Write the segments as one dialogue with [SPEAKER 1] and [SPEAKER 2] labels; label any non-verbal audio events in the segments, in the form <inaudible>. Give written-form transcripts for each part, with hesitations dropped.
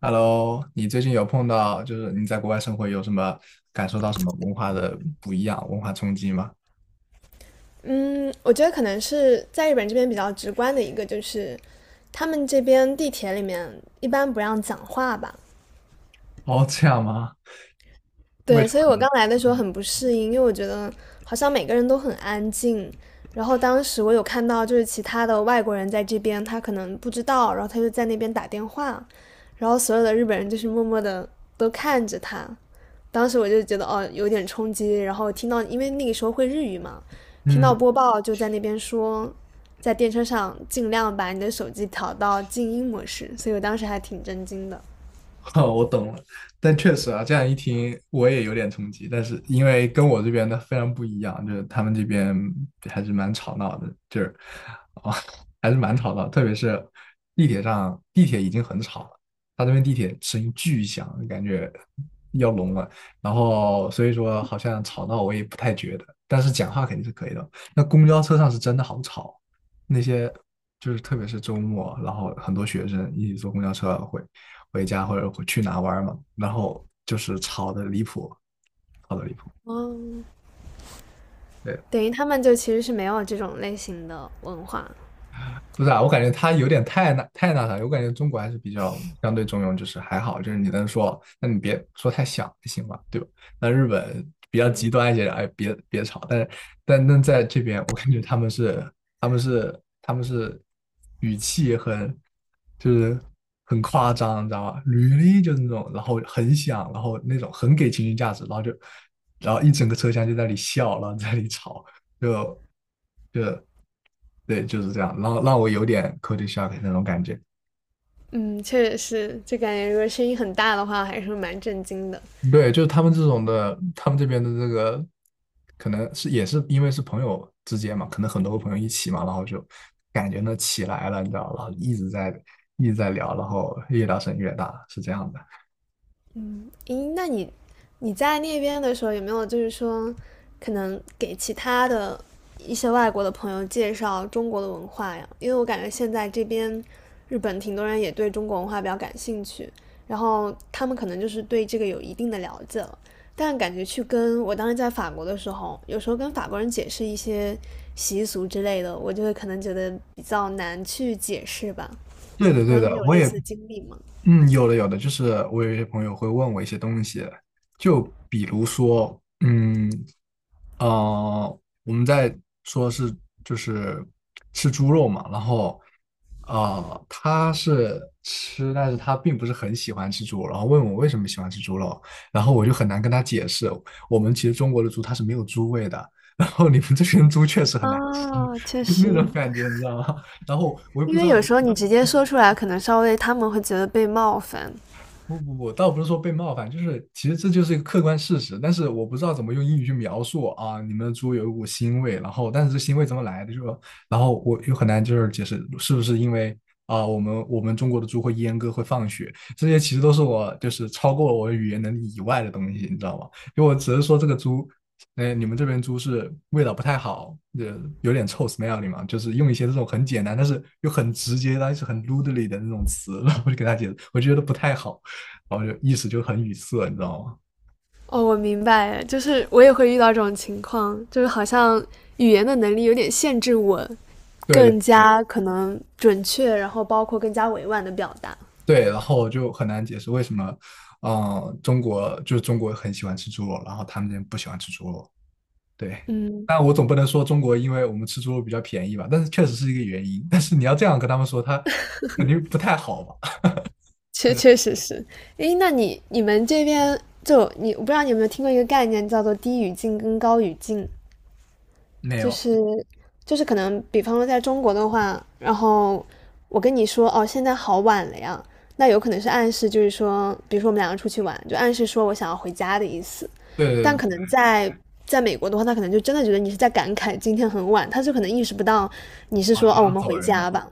[SPEAKER 1] Hello，你最近有碰到，就是你在国外生活有什么感受到什么文化的不一样，文化冲击吗？
[SPEAKER 2] 嗯，我觉得可能是在日本这边比较直观的一个，就是他们这边地铁里面一般不让讲话吧。
[SPEAKER 1] 哦，这样吗？为
[SPEAKER 2] 对，
[SPEAKER 1] 什
[SPEAKER 2] 所以
[SPEAKER 1] 么？
[SPEAKER 2] 我刚来的时候很不适应，因为我觉得好像每个人都很安静。然后当时我有看到，就是其他的外国人在这边，他可能不知道，然后他就在那边打电话，然后所有的日本人就是默默的都看着他，当时我就觉得哦有点冲击，然后听到因为那个时候会日语嘛，听到
[SPEAKER 1] 嗯。
[SPEAKER 2] 播报就在那边说，在电车上尽量把你的手机调到静音模式，所以我当时还挺震惊的。
[SPEAKER 1] <laughs> 哦，我懂了，但确实啊，这样一听我也有点冲击，但是因为跟我这边的非常不一样，就是他们这边还是蛮吵闹的，就是啊、哦还是蛮吵闹，特别是地铁上，地铁已经很吵了，他这边地铁声音巨响，感觉要聋了，然后所以说好像吵闹我也不太觉得，但是讲话肯定是可以的。那公交车上是真的好吵，那些就是特别是周末，然后很多学生一起坐公交车会回家或者去哪玩嘛，然后就是吵得离谱，吵得离谱。
[SPEAKER 2] 哦，
[SPEAKER 1] 对，
[SPEAKER 2] 等于他们就其实是没有这种类型的文化。
[SPEAKER 1] 不是啊，我感觉他有点太那太那啥，我感觉中国还是比较相对中庸，就是还好，就是你能说，那你别说太响就行嘛，对吧？那日本比较极
[SPEAKER 2] 对，
[SPEAKER 1] 端一些，哎，别吵，但是在这边，我感觉他们是语气很就是很夸张，你知道吧？履历就是那种，然后很响，然后那种很给情绪价值，然后一整个车厢就在那里笑，然后在那里吵，就就对，就是这样，然后让我有点 c u l t u r shock 那种感觉。
[SPEAKER 2] 嗯，确实是，就感觉如果声音很大的话，还是蛮震惊的。
[SPEAKER 1] 对，就是他们这种的，他们这边的这个，可能是也是因为是朋友之间嘛，可能很多个朋友一起嘛，然后就感觉呢起来了，你知道，然后一直在聊，然后越聊声越大，是这样的。
[SPEAKER 2] 咦，那你在那边的时候有没有就是说，可能给其他的一些外国的朋友介绍中国的文化呀？因为我感觉现在这边日本挺多人也对中国文化比较感兴趣，然后他们可能就是对这个有一定的了解了，但感觉去跟我当时在法国的时候，有时候跟法国人解释一些习俗之类的，我就会可能觉得比较难去解释吧。
[SPEAKER 1] 对的，
[SPEAKER 2] 然
[SPEAKER 1] 对
[SPEAKER 2] 后你
[SPEAKER 1] 的，
[SPEAKER 2] 有
[SPEAKER 1] 我
[SPEAKER 2] 类
[SPEAKER 1] 也
[SPEAKER 2] 似的经历吗？
[SPEAKER 1] 嗯，有的有的，就是我有一些朋友会问我一些东西，就比如说，嗯，我们在说是就是吃猪肉嘛，然后他是吃，但是他并不是很喜欢吃猪肉，然后问我为什么喜欢吃猪肉，然后我就很难跟他解释，我们其实中国的猪它是没有猪味的，然后你们这边猪确实很难吃。
[SPEAKER 2] 啊，确
[SPEAKER 1] <laughs>，
[SPEAKER 2] 实，
[SPEAKER 1] 那种感觉你知道吗？然后我又不
[SPEAKER 2] 因
[SPEAKER 1] 知
[SPEAKER 2] 为
[SPEAKER 1] 道。
[SPEAKER 2] 有时候你直接说出来，可能稍微他们会觉得被冒犯。
[SPEAKER 1] 不不不，倒不是说被冒犯，就是其实这就是一个客观事实，但是我不知道怎么用英语去描述啊。你们的猪有一股腥味，然后但是这腥味怎么来的？就然后我又很难就是解释是不是因为啊，我们中国的猪会阉割会放血，这些其实都是我就是超过我语言能力以外的东西，你知道吗？因为我只是说这个猪，哎，你们这边猪是味道不太好，有点臭 smelly 嘛，就是用一些这种很简单但是又很直接但是很 rudely 的那种词，然后我就给他解释，我觉得不太好。然后就意思就很语塞，你知道吗？
[SPEAKER 2] 哦，我明白，就是我也会遇到这种情况，就是好像语言的能力有点限制我，
[SPEAKER 1] 对对
[SPEAKER 2] 更加可能准确，然后包括更加委婉的表达。
[SPEAKER 1] 对，然后就很难解释为什么，嗯，中国就是中国很喜欢吃猪肉，然后他们那边不喜欢吃猪肉。对，
[SPEAKER 2] 嗯，
[SPEAKER 1] 但我总不能说中国因为我们吃猪肉比较便宜吧，但是确实是一个原因。但是你要这样跟他们说，他肯定不太好吧？<laughs>
[SPEAKER 2] 确实是。诶，那你你们这边就你，我不知道你有没有听过一个概念叫做低语境跟高语境，
[SPEAKER 1] 没
[SPEAKER 2] 就
[SPEAKER 1] 有，
[SPEAKER 2] 是就是可能，比方说在中国的话，然后我跟你说哦，现在好晚了呀，那有可能是暗示，就是说，比如说我们两个出去玩，就暗示说我想要回家的意思。
[SPEAKER 1] 对
[SPEAKER 2] 但
[SPEAKER 1] 对
[SPEAKER 2] 可
[SPEAKER 1] 对，
[SPEAKER 2] 能在美国的话，他可能就真的觉得你是在感慨今天很晚，他就可能意识不到你是说
[SPEAKER 1] 然
[SPEAKER 2] 哦，我
[SPEAKER 1] 后
[SPEAKER 2] 们
[SPEAKER 1] 走
[SPEAKER 2] 回
[SPEAKER 1] 人了。
[SPEAKER 2] 家吧。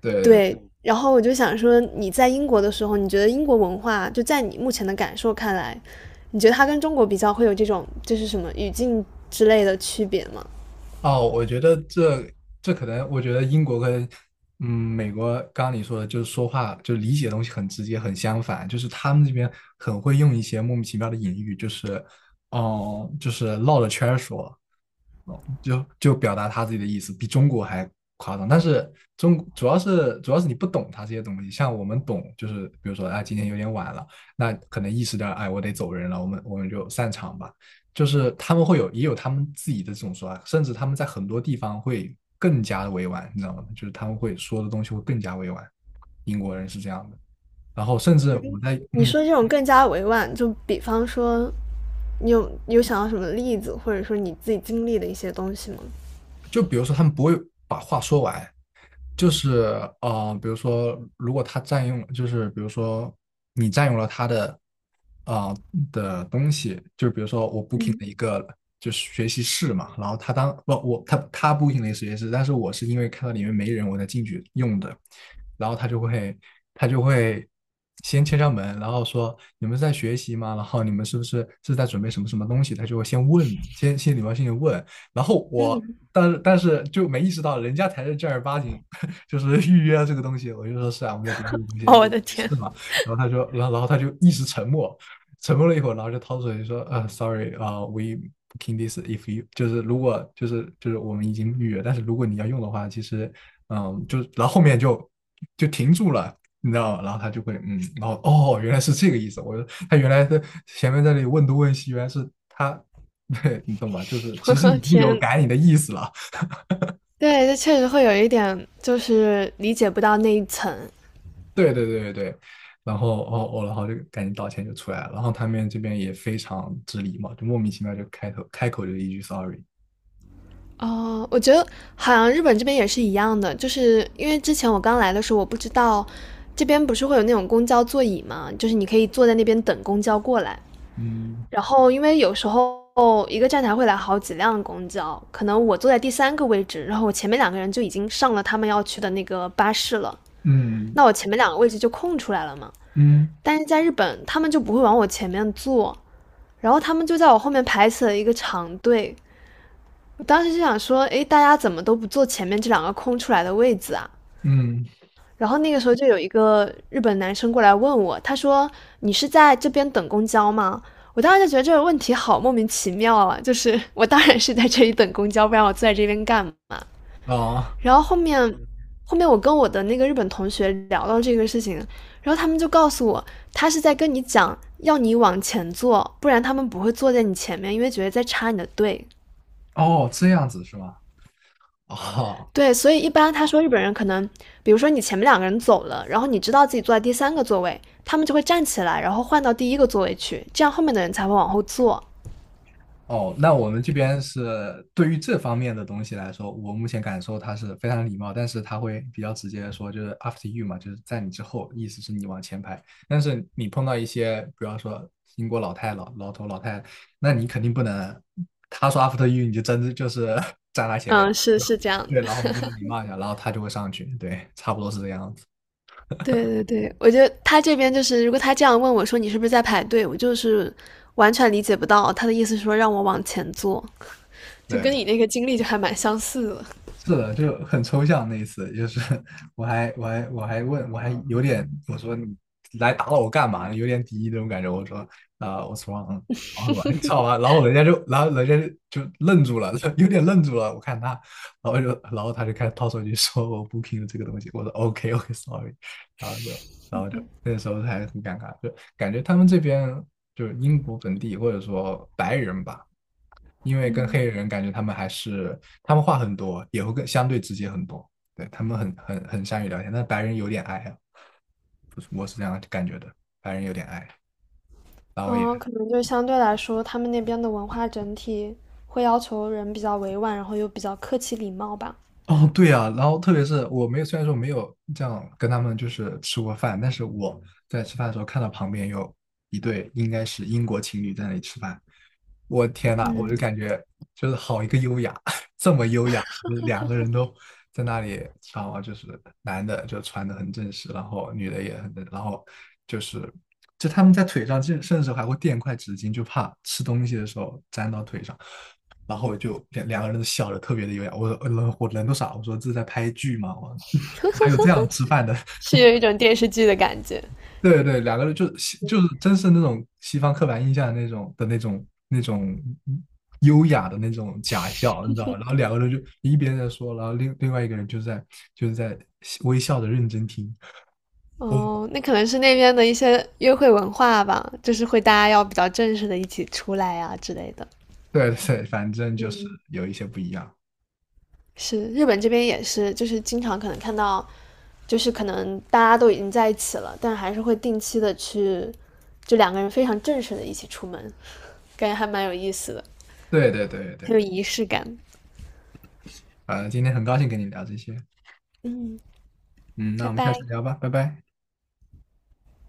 [SPEAKER 1] 对对。
[SPEAKER 2] 对，然后我就想说，你在英国的时候，你觉得英国文化就在你目前的感受看来，你觉得它跟中国比较会有这种就是什么语境之类的区别吗？
[SPEAKER 1] 哦，我觉得这可能，我觉得英国跟美国，刚刚你说的，就是说话就理解的东西很直接，很相反，就是他们这边很会用一些莫名其妙的隐喻，就是绕着圈儿说，哦，表达他自己的意思，比中国还夸张。但是中主要是你不懂他这些东西，像我们懂，就是比如说，哎，今天有点晚了，那可能意识到，哎，我得走人了，我们就散场吧。就是他们会有也有他们自己的这种说法，甚至他们在很多地方会更加的委婉，你知道吗？就是他们会说的东西会更加委婉。英国人是这样的，然后甚至我在
[SPEAKER 2] 你
[SPEAKER 1] 嗯，
[SPEAKER 2] 说这种更加委婉，就比方说，你有想到什么例子，或者说你自己经历的一些东西吗？
[SPEAKER 1] 就比如说他们不会把话说完，就是比如说，如果他占用，就是比如说你占用了他的啊、的东西，就比如说我 booking 了一个就是学习室嘛，然后他当不我他 booking 了一个学习室，但是我是因为看到里面没人我才进去用的，然后他就会先敲敲门，然后说你们是在学习吗？然后你们是不是在准备什么什么东西？他就会先问，先礼貌性的问，然后我。但是就没意识到人家才是正儿八经就是 <laughs> 预约这个东西。我就说是啊，我们在读这个东西，是吗？然后他说，然后他就一直沉默，沉默了一会儿，然后就掏出来就说，sorry，w e booking this if you 就是如果就是我们已经预约，但是如果你要用的话，其实就然后后面就停住了。你知道吗？然后他就会，然后哦，原来是这个意思。我说他原来在前面在那里问东问西，原来是他，<laughs> 对你懂吧？就是
[SPEAKER 2] <laughs>
[SPEAKER 1] 其实
[SPEAKER 2] 我
[SPEAKER 1] 已经有
[SPEAKER 2] 天，
[SPEAKER 1] 改你的意思了。
[SPEAKER 2] 对，这确实会有一点，就是理解不到那一层。
[SPEAKER 1] 对对对对对，然后哦哦，然后就赶紧道歉就出来了，然后他们这边也非常之礼貌，就莫名其妙就开口就一句 sorry，
[SPEAKER 2] 哦，我觉得好像日本这边也是一样的，就是因为之前我刚来的时候，我不知道这边不是会有那种公交座椅嘛，就是你可以坐在那边等公交过来。
[SPEAKER 1] 嗯
[SPEAKER 2] 然后因为有时候一个站台会来好几辆公交，可能我坐在第三个位置，然后我前面两个人就已经上了他们要去的那个巴士了，
[SPEAKER 1] 嗯
[SPEAKER 2] 那我前面两个位置就空出来了嘛。
[SPEAKER 1] 嗯
[SPEAKER 2] 但是在日本，他们就不会往我前面坐，然后他们就在我后面排起了一个长队。我当时就想说，诶，大家怎么都不坐前面这两个空出来的位子啊？
[SPEAKER 1] 嗯，
[SPEAKER 2] 然后那个时候就有一个日本男生过来问我，他说："你是在这边等公交吗？"我当时就觉得这个问题好莫名其妙啊，就是我当然是在这里等公交，不然我坐在这边干嘛？
[SPEAKER 1] 哦
[SPEAKER 2] 然后后面，后面我跟我的那个日本同学聊到这个事情，然后他们就告诉我，他是在跟你讲要你往前坐，不然他们不会坐在你前面，因为觉得在插你的队。
[SPEAKER 1] 哦，这样子是吗？哦，
[SPEAKER 2] 对，所以一般他说日本人可能，比如说你前面两个人走了，然后你知道自己坐在第三个座位，他们就会站起来，然后换到第一个座位去，这样后面的人才会往后坐。
[SPEAKER 1] 哦，那我们这边是对于这方面的东西来说，我目前感受他是非常礼貌，但是他会比较直接的说，就是 after you 嘛，就是在你之后，意思是你往前排。但是你碰到一些，比方说英国老头老太太那你肯定不能，他说 after you，你就真的就是 <laughs> 站他前面，
[SPEAKER 2] 嗯，是
[SPEAKER 1] 对吧？
[SPEAKER 2] 是这样的。
[SPEAKER 1] 对，然后你就礼貌一下，然后他就会上去，对，差不多是这样子，
[SPEAKER 2] 对对对，我觉得他这边就是，如果他这样问我说你是不是在排队，我就是完全理解不到他的意思，说让我往前坐，就跟你
[SPEAKER 1] 对。
[SPEAKER 2] 那个经历就还蛮相似的。
[SPEAKER 1] 是的，就很抽象那一次，就是我还有点我说你来打扰我干嘛呢？有点敌意那种感觉。我说我 what's wrong？然后你知道吧？然后人家就愣住了，<laughs> 有点愣住了。我看他，然后就然后他就开始掏手机说我不拼的这个东西。我说 OK OK sorry，然后就然后就那时候还很尴尬，就感觉他们这边就是英国本地或者说白人吧。因为跟黑人感觉他们话很多，也会更相对直接很多。对他们很善于聊天，但白人有点矮啊，我是这样感觉的，白人有点矮，然后也
[SPEAKER 2] 嗯，可能就是相对来说，他们那边的文化整体会要求人比较委婉，然后又比较客气礼貌吧。
[SPEAKER 1] 哦，对啊，然后特别是我没有，虽然说没有这样跟他们就是吃过饭，但是我在吃饭的时候看到旁边有一对应该是英国情侣在那里吃饭，我天呐，我就
[SPEAKER 2] 嗯，
[SPEAKER 1] 感觉就是好一个优雅，<laughs> 这么优雅，就是两个人都在那里吃饭嘛，就是男的就穿的很正式，然后女的也很正，然后就是就他们在腿上甚至还会垫块纸巾，就怕吃东西的时候粘到腿上。然后我就两个人都笑的特别的优雅。我说我人都傻了，我说这是在拍剧吗？我 <laughs> 哪有这样吃饭的？
[SPEAKER 2] 是有一种电视剧的感觉。
[SPEAKER 1] <laughs> 对对，两个人就是真是那种西方刻板印象的那种优雅的那种假笑，你知道吗？然后两个人就一边在说，然后另外一个人就在微笑的认真听。
[SPEAKER 2] 哦，那可能是那边的一些约会文化吧，就是会大家要比较正式的一起出来啊之类的。
[SPEAKER 1] <laughs> 对对，反正就是
[SPEAKER 2] 嗯，
[SPEAKER 1] 有一些不一样。
[SPEAKER 2] 是日本这边也是，就是经常可能看到，就是可能大家都已经在一起了，但还是会定期的去，就两个人非常正式的一起出门，感觉还蛮有意思的，
[SPEAKER 1] 对对对对
[SPEAKER 2] 很
[SPEAKER 1] 对，
[SPEAKER 2] 有仪式感。
[SPEAKER 1] 今天很高兴跟你聊这些，
[SPEAKER 2] 嗯，
[SPEAKER 1] 嗯，那
[SPEAKER 2] 拜
[SPEAKER 1] 我们下
[SPEAKER 2] 拜。
[SPEAKER 1] 次聊吧，拜拜。